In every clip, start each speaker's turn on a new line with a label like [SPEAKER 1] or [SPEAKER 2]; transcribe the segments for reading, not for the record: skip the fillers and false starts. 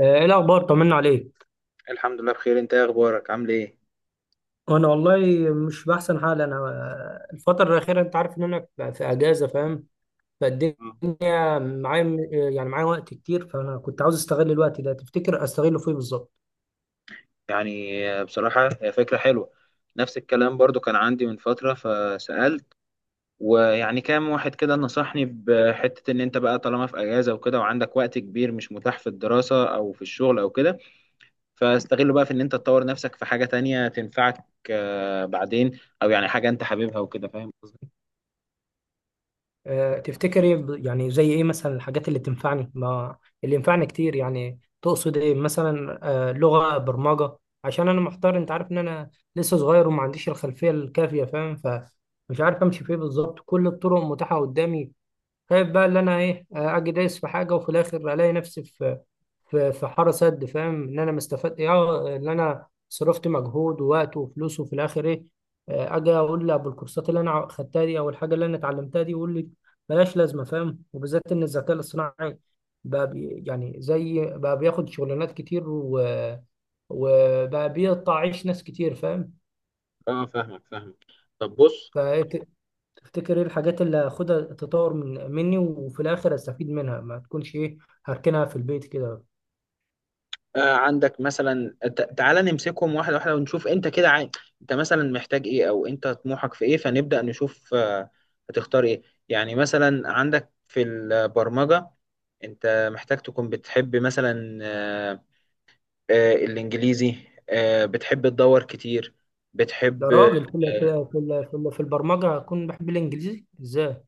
[SPEAKER 1] ايه الاخبار؟ طمنا عليك.
[SPEAKER 2] الحمد لله بخير، انت ايه اخبارك؟ عامل ايه؟
[SPEAKER 1] انا والله مش باحسن حال. انا آه، الفتره الاخيره انت عارف ان انا في اجازه، فاهم.
[SPEAKER 2] آه.
[SPEAKER 1] فالدنيا معايا يعني معايا وقت كتير، فانا كنت عاوز استغل الوقت ده. تفتكر استغله في ايه بالظبط؟
[SPEAKER 2] بصراحة هي فكرة حلوة. نفس الكلام برضو كان عندي من فترة فسألت. ويعني كام واحد كده نصحني بحتة ان انت بقى طالما في اجازة وكده وعندك وقت كبير مش متاح في الدراسة او في الشغل او كده، فاستغله بقى في ان انت تطور نفسك في حاجة تانية تنفعك، بعدين او يعني حاجة انت حاببها وكده. فاهم قصدي؟
[SPEAKER 1] تفتكر ايه؟ يعني زي ايه مثلا؟ الحاجات اللي تنفعني، ما اللي ينفعني كتير، يعني تقصد ايه مثلا؟ لغه برمجه؟ عشان انا محتار. انت عارف ان انا لسه صغير وما عنديش الخلفيه الكافيه، فاهم. مش عارف امشي فيه بالظبط. كل الطرق متاحه قدامي. خايف بقى اللي انا ايه، اجي دايس في حاجه وفي الاخر الاقي نفسي في حاره سد. فاهم ان انا مستفاد ايه، ان انا صرفت مجهود ووقت وفلوس، وفي الاخر ايه؟ اجي اقول لابو الكورسات اللي انا خدتها دي او الحاجه اللي انا اتعلمتها دي، يقول لي بلاش، لازمه، فاهم. وبالذات ان الذكاء الاصطناعي بقى يعني زي بقى بياخد شغلانات كتير وبقى بيقطع عيش ناس كتير،
[SPEAKER 2] اه، فاهمك. طب بص،
[SPEAKER 1] فاهم. تفتكر ايه الحاجات اللي هاخدها تطور من مني، وفي الاخر استفيد منها ما تكونش ايه، هركنها في البيت كده؟
[SPEAKER 2] عندك مثلا تعالى نمسكهم واحدة واحدة ونشوف انت كده انت مثلا محتاج ايه، او انت طموحك في ايه، فنبدأ نشوف هتختار ايه. يعني مثلا عندك في البرمجة، انت محتاج تكون بتحب مثلا الانجليزي، بتحب تدور كتير،
[SPEAKER 1] ده
[SPEAKER 2] بتحب
[SPEAKER 1] راجل في البرمجه هكون بحب الانجليزي ازاي؟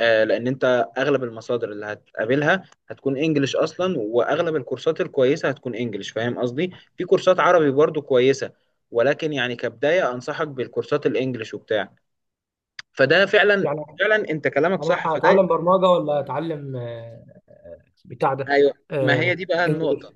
[SPEAKER 2] لان انت اغلب المصادر اللي هتقابلها هتكون انجليش اصلا، واغلب الكورسات الكويسه هتكون انجليش. فاهم قصدي؟ في كورسات عربي برضو كويسه، ولكن يعني كبدايه انصحك بالكورسات الانجليش وبتاع. فده فعلا،
[SPEAKER 1] يعني
[SPEAKER 2] فعلا انت كلامك صح.
[SPEAKER 1] أنا
[SPEAKER 2] فده
[SPEAKER 1] اتعلم برمجه ولا اتعلم بتاع ده؟
[SPEAKER 2] ايوه، ما
[SPEAKER 1] آه،
[SPEAKER 2] هي دي بقى النقطه،
[SPEAKER 1] انجليزي.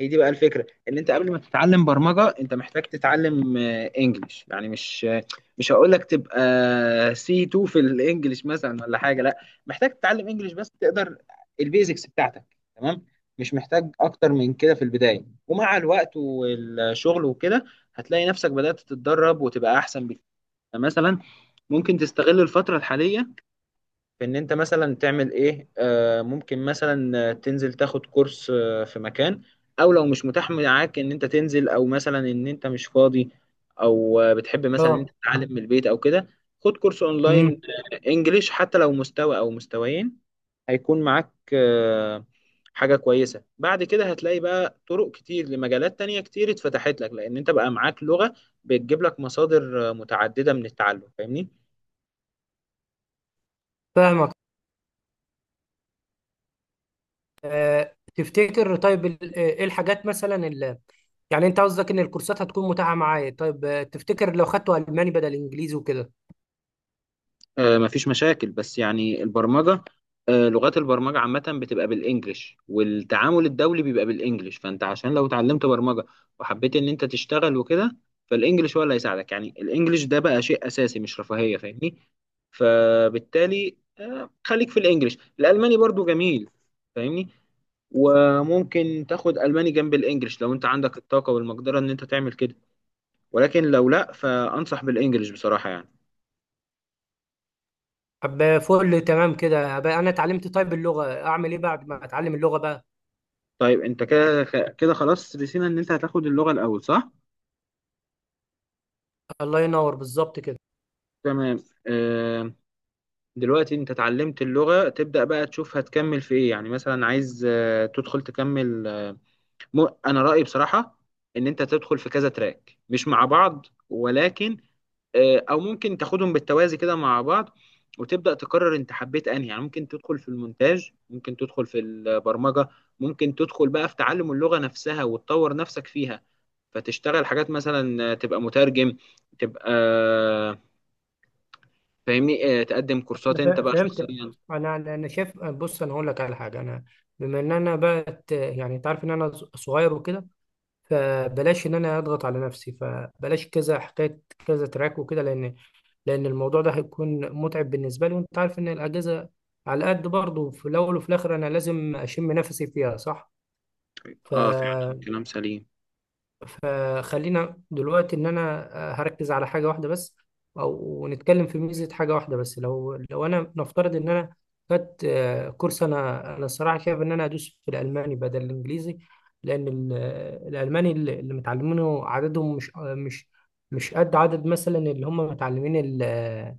[SPEAKER 2] هي دي بقى الفكره. ان انت قبل ما تتعلم برمجه انت محتاج تتعلم انجليش. يعني مش هقول لك تبقى سي 2 في الانجليش مثلا ولا حاجه، لا، محتاج تتعلم انجليش بس تقدر البيزكس بتاعتك. تمام؟ مش محتاج اكتر من كده في البدايه، ومع الوقت والشغل وكده هتلاقي نفسك بدات تتدرب وتبقى احسن بكتير. يعني مثلا ممكن تستغل الفتره الحاليه في ان انت مثلا تعمل ايه. ممكن مثلا تنزل تاخد كورس في مكان، او لو مش متاح معاك ان انت تنزل، او مثلا ان انت مش فاضي، او بتحب مثلا ان انت
[SPEAKER 1] اه.
[SPEAKER 2] تتعلم من البيت او كده، خد كورس اونلاين
[SPEAKER 1] امم
[SPEAKER 2] انجليش. حتى لو مستوى او مستويين هيكون معاك حاجة كويسة. بعد كده هتلاقي بقى طرق كتير لمجالات تانية كتير اتفتحت لك، لان انت بقى معاك لغة بتجيب لك مصادر متعددة من التعلم. فاهمني؟
[SPEAKER 1] فاهمك. تفتكر؟ طيب ايه الحاجات مثلا اللي يعني انت قصدك ان الكورسات هتكون متاحه معايا؟ طيب تفتكر لو خدته الماني بدل انجليزي وكده؟
[SPEAKER 2] مفيش مشاكل، بس يعني البرمجة، لغات البرمجة عامة بتبقى بالإنجلش، والتعامل الدولي بيبقى بالإنجلش، فأنت عشان لو اتعلمت برمجة وحبيت إن أنت تشتغل وكده، فالإنجلش هو اللي هيساعدك. يعني الإنجلش ده بقى شيء أساسي مش رفاهية. فاهمني؟ فبالتالي خليك في الإنجلش. الألماني برضو جميل، فاهمني؟ وممكن تاخد ألماني جنب الإنجلش لو أنت عندك الطاقة والمقدرة إن أنت تعمل كده، ولكن لو لأ فأنصح بالإنجلش بصراحة يعني.
[SPEAKER 1] طب فل تمام كده بقى. انا اتعلمت طيب اللغه، اعمل ايه بعد ما اتعلم اللغه بقى؟
[SPEAKER 2] طيب انت كده خلاص رسينا ان انت هتاخد اللغة الاول، صح؟
[SPEAKER 1] الله ينور، بالظبط كده.
[SPEAKER 2] تمام. آه، دلوقتي انت اتعلمت اللغة، تبدأ بقى تشوف هتكمل في ايه. يعني مثلا عايز آه تدخل تكمل انا رأيي بصراحة ان انت تدخل في كذا تراك، مش مع بعض، ولكن او ممكن تاخدهم بالتوازي كده مع بعض، وتبدأ تقرر انت حبيت انهي. يعني ممكن تدخل في المونتاج، ممكن تدخل في البرمجة، ممكن تدخل بقى في تعلم اللغة نفسها وتطور نفسك فيها، فتشتغل حاجات مثلا تبقى مترجم، تبقى، فاهمني؟ تقدم كورسات
[SPEAKER 1] أنا
[SPEAKER 2] انت بقى
[SPEAKER 1] فهمت.
[SPEAKER 2] شخصيا.
[SPEAKER 1] انا شايف، بص، انا هقول لك على حاجه. انا بما ان انا بقت، يعني انت عارف ان انا صغير وكده، فبلاش ان انا اضغط على نفسي، فبلاش كذا حكايه، كذا تراك وكده، لان الموضوع ده هيكون متعب بالنسبه لي. وانت عارف ان الاجازه على قد برضه في الاول، وفي الاخر انا لازم اشم نفسي فيها، صح. ف
[SPEAKER 2] اه فعلا كلام سليم.
[SPEAKER 1] فخلينا دلوقتي ان انا هركز على حاجه واحده بس، او نتكلم في ميزه حاجه واحده بس. لو انا نفترض ان انا خدت كورس، انا الصراحه شايف ان انا ادوس في الالماني بدل الانجليزي، لان الالماني اللي متعلمينه عددهم مش آه، مش مش قد عدد مثلا اللي هم متعلمين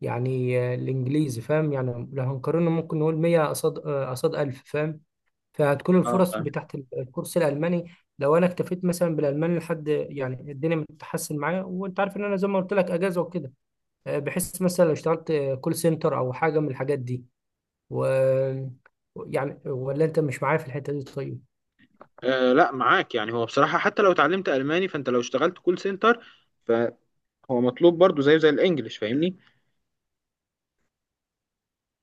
[SPEAKER 1] يعني الانجليزي، فاهم. يعني لو هنقارنه ممكن نقول 100 قصاد، قصاد 1000، فاهم. فهتكون
[SPEAKER 2] اه
[SPEAKER 1] الفرص
[SPEAKER 2] فاهم.
[SPEAKER 1] بتاعت الكورس الالماني، لو انا اكتفيت مثلا بالالماني لحد يعني الدنيا بتتحسن معايا. وانت عارف ان انا زي ما قلت لك اجازه وكده. بحس مثلا لو اشتغلت كول سنتر او حاجه من الحاجات دي و يعني. ولا انت مش معايا في الحته دي؟ طيب.
[SPEAKER 2] آه لا معاك. يعني هو بصراحة حتى لو اتعلمت ألماني، فانت لو اشتغلت كول سنتر فهو مطلوب برضو زيه زي الانجليش. فاهمني؟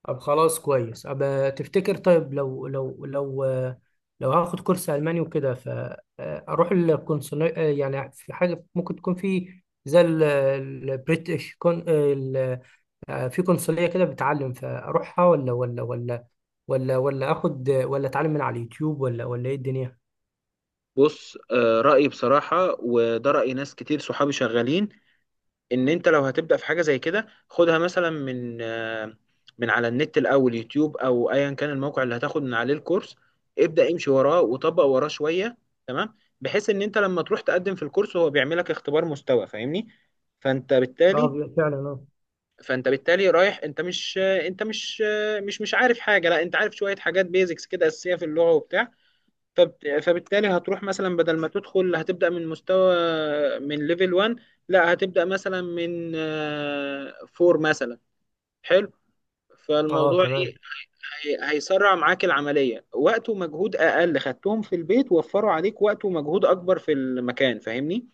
[SPEAKER 1] طب خلاص، كويس. أبقى تفتكر طيب لو هاخد كورس الماني وكده فاروح القنصليه؟ يعني في حاجه ممكن تكون في، زي البريتش، في قنصلية كده بتعلم، فأروحها؟ ولا آخد، ولا أتعلم من على اليوتيوب، ولا إيه الدنيا؟
[SPEAKER 2] بص، آه رأيي بصراحة، وده رأي ناس كتير صحابي شغالين، ان انت لو هتبدا في حاجه زي كده، خدها مثلا من من على النت الاول، يوتيوب او ايا كان الموقع اللي هتاخد من عليه الكورس. ابدا امشي وراه وطبق وراه شويه. تمام؟ بحيث ان انت لما تروح تقدم في الكورس هو بيعملك اختبار مستوى. فاهمني؟ فانت بالتالي
[SPEAKER 1] أه فعلا، أه.
[SPEAKER 2] فانت بالتالي رايح، انت مش مش عارف حاجه، لا، انت عارف شويه حاجات بيزكس كده اساسيه في اللغه وبتاع. فبالتالي هتروح مثلا، بدل ما تدخل هتبدأ من مستوى، من ليفل 1، لا هتبدأ مثلا من 4 مثلا. حلو.
[SPEAKER 1] أه
[SPEAKER 2] فالموضوع ايه،
[SPEAKER 1] تمام.
[SPEAKER 2] هيسرع معاك العملية، وقت ومجهود اقل خدتهم في البيت وفروا عليك وقت ومجهود اكبر في المكان. فاهمني؟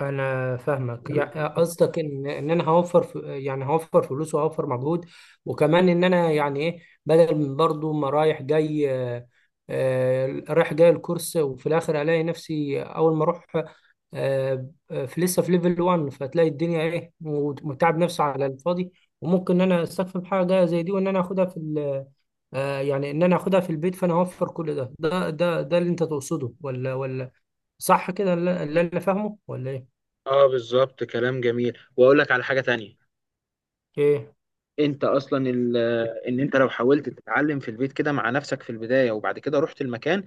[SPEAKER 1] انا فاهمك. يعني قصدك ان ان انا هوفر، يعني هوفر فلوس وهوفر مجهود. وكمان ان انا يعني ايه، بدل من برضو ما رايح جاي، رايح جاي الكورس، وفي الاخر الاقي نفسي اول ما اروح في لسه في ليفل 1، فتلاقي الدنيا ايه، متعب نفسي على الفاضي. وممكن ان انا استكفي بحاجه زي دي، وان انا اخدها في يعني ان انا اخدها في البيت. فانا هوفر كل ده اللي انت تقصده، ولا صح كده اللي انا فاهمه، ولا ايه؟
[SPEAKER 2] اه بالظبط كلام جميل، واقول لك على حاجة تانية.
[SPEAKER 1] ايه.
[SPEAKER 2] انت اصلا ان انت لو حاولت تتعلم في البيت كده مع نفسك في البدايه، وبعد كده رحت المكان،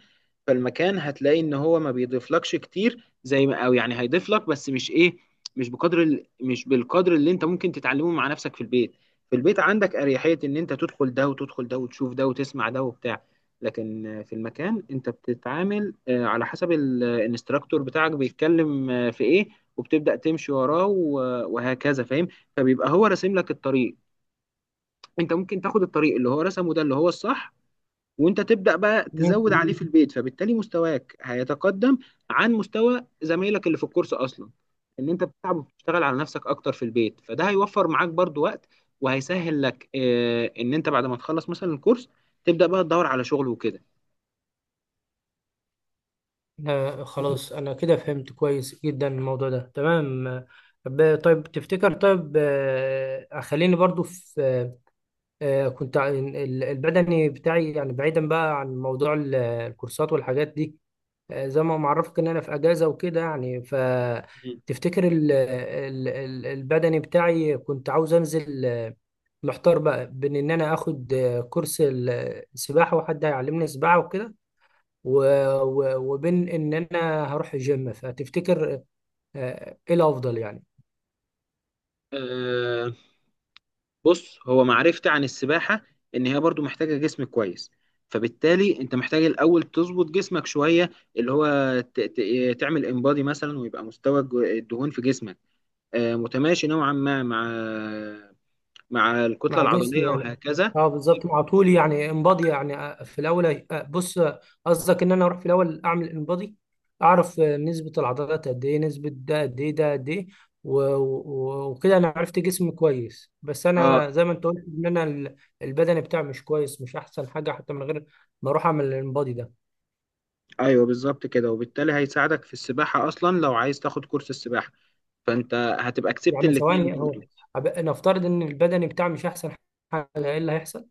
[SPEAKER 2] فالمكان هتلاقي ان هو ما بيضيفلكش كتير زي ما، او يعني هيضيف لك بس مش ايه، مش مش بالقدر اللي انت ممكن تتعلمه مع نفسك في البيت. في البيت عندك اريحيه ان انت تدخل ده وتدخل ده وتشوف ده وتسمع ده وبتاع. لكن في المكان انت بتتعامل على حسب الانستراكتور بتاعك بيتكلم في ايه، وبتبدأ تمشي وراه وهكذا. فاهم؟ فبيبقى هو راسم لك الطريق. انت ممكن تاخد الطريق اللي هو رسمه ده اللي هو الصح، وانت تبدأ بقى
[SPEAKER 1] مم.
[SPEAKER 2] تزود عليه في البيت، فبالتالي مستواك هيتقدم عن مستوى زمايلك اللي في الكورس اصلا. ان انت بتتعب وبتشتغل على نفسك اكتر في البيت، فده هيوفر معاك برضو وقت، وهيسهل لك اه ان انت بعد ما تخلص مثلا الكورس تبدأ بقى تدور على شغل وكده.
[SPEAKER 1] آه خلاص، أنا كده فهمت كويس جدا الموضوع ده، تمام. طيب تفتكر، طيب خليني برضو في كنت البدني بتاعي، يعني بعيدا بقى عن موضوع الكورسات والحاجات دي. زي ما معرفك إن أنا في أجازة وكده، يعني
[SPEAKER 2] مم.
[SPEAKER 1] فتفتكر البدني بتاعي كنت عاوز أنزل. محتار بقى بين إن أنا آخد كورس السباحة وحد هيعلمني سباحة وكده، و... و... وبين ان انا هروح الجيم. فتفتكر ايه الافضل يعني؟
[SPEAKER 2] آه، بص، هو معرفتي عن السباحة إن هي برضو محتاجة جسم كويس، فبالتالي أنت محتاج الأول تظبط جسمك شوية، اللي هو تعمل انبادي مثلا، ويبقى مستوى الدهون في جسمك متماشي نوعا ما مع مع الكتلة
[SPEAKER 1] مع
[SPEAKER 2] العضلية
[SPEAKER 1] جسمي يعني.
[SPEAKER 2] وهكذا.
[SPEAKER 1] اه بالظبط، مع طولي يعني، انبادي يعني. في الاول، بص، قصدك ان انا اروح في الاول اعمل انبادي، اعرف نسبة العضلات قد ايه، نسبة ده قد ايه، ده قد ايه. و- و- وكده انا عرفت جسمي كويس. بس انا
[SPEAKER 2] اه
[SPEAKER 1] زي ما انت قلت، ان انا البدني بتاعي مش كويس، مش احسن حاجة، حتى من غير ما اروح اعمل الانبادي ده.
[SPEAKER 2] ايوه بالظبط كده، وبالتالي هيساعدك في السباحة أصلا. لو عايز تاخد كورس السباحة، فأنت هتبقى كسبت
[SPEAKER 1] يعني
[SPEAKER 2] الاتنين
[SPEAKER 1] ثواني، هو
[SPEAKER 2] برضو.
[SPEAKER 1] نفترض ان البدني بتاعي مش احسن حاجه، ايه اللي هيحصل؟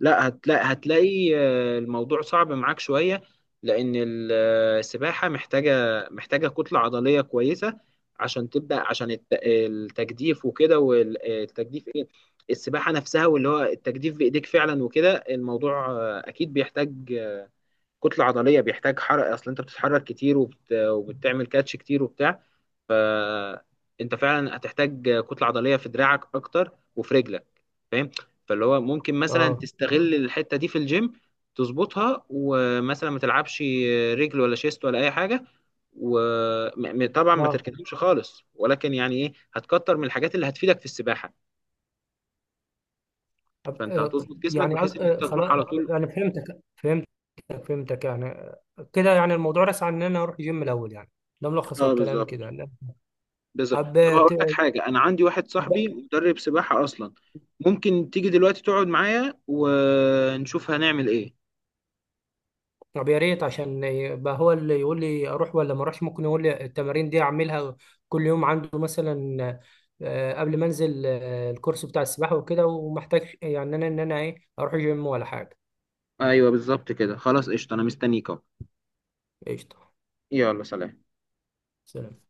[SPEAKER 2] لا، هتلاقي الموضوع صعب معاك شوية، لأن السباحة محتاجة كتلة عضلية كويسة عشان تبدأ، عشان التجديف وكده. والتجديف إيه؟ السباحة نفسها، واللي هو التجديف بإيديك فعلا وكده. الموضوع أكيد بيحتاج كتلة عضلية، بيحتاج حرق، أصل أنت بتتحرك كتير وبتعمل كاتش كتير وبتاع. فانت فعلا هتحتاج كتله عضليه في دراعك اكتر وفي رجلك. فاهم؟ فاللي هو ممكن مثلا
[SPEAKER 1] اه.
[SPEAKER 2] تستغل الحته دي في الجيم تظبطها، ومثلا ما تلعبش رجل ولا شيست ولا اي حاجه، وطبعا ما
[SPEAKER 1] اه.
[SPEAKER 2] تركنهمش خالص، ولكن يعني ايه هتكتر من الحاجات اللي هتفيدك في السباحه،
[SPEAKER 1] أب-
[SPEAKER 2] فانت
[SPEAKER 1] آه،
[SPEAKER 2] هتظبط جسمك
[SPEAKER 1] يعني
[SPEAKER 2] بحيث ان انت تروح
[SPEAKER 1] خلاص،
[SPEAKER 2] على طول.
[SPEAKER 1] يعني فهمتك فهمتك فهمتك يعني. كده يعني الموضوع رسى عن ان انا اروح جيم الاول يعني. ده ملخص
[SPEAKER 2] اه
[SPEAKER 1] الكلام
[SPEAKER 2] بالظبط،
[SPEAKER 1] كده، لا.
[SPEAKER 2] بالظبط.
[SPEAKER 1] طب
[SPEAKER 2] طب هقول
[SPEAKER 1] ت-
[SPEAKER 2] لك حاجه، انا عندي واحد صاحبي
[SPEAKER 1] أب-
[SPEAKER 2] مدرب سباحه اصلا. ممكن تيجي دلوقتي تقعد معايا ونشوف هنعمل ايه.
[SPEAKER 1] طب يا ريت، عشان يبقى هو اللي يقول لي اروح ولا ما اروحش، ممكن يقول لي التمارين دي اعملها كل يوم عنده مثلا، قبل ما انزل الكورس بتاع السباحه وكده، ومحتاج يعني انا ان انا ايه، اروح جيم ولا حاجه؟
[SPEAKER 2] ايوه بالظبط كده، خلاص قشطه انا مستنيك اهو.
[SPEAKER 1] قشطه.
[SPEAKER 2] يلا، سلام.
[SPEAKER 1] سلام.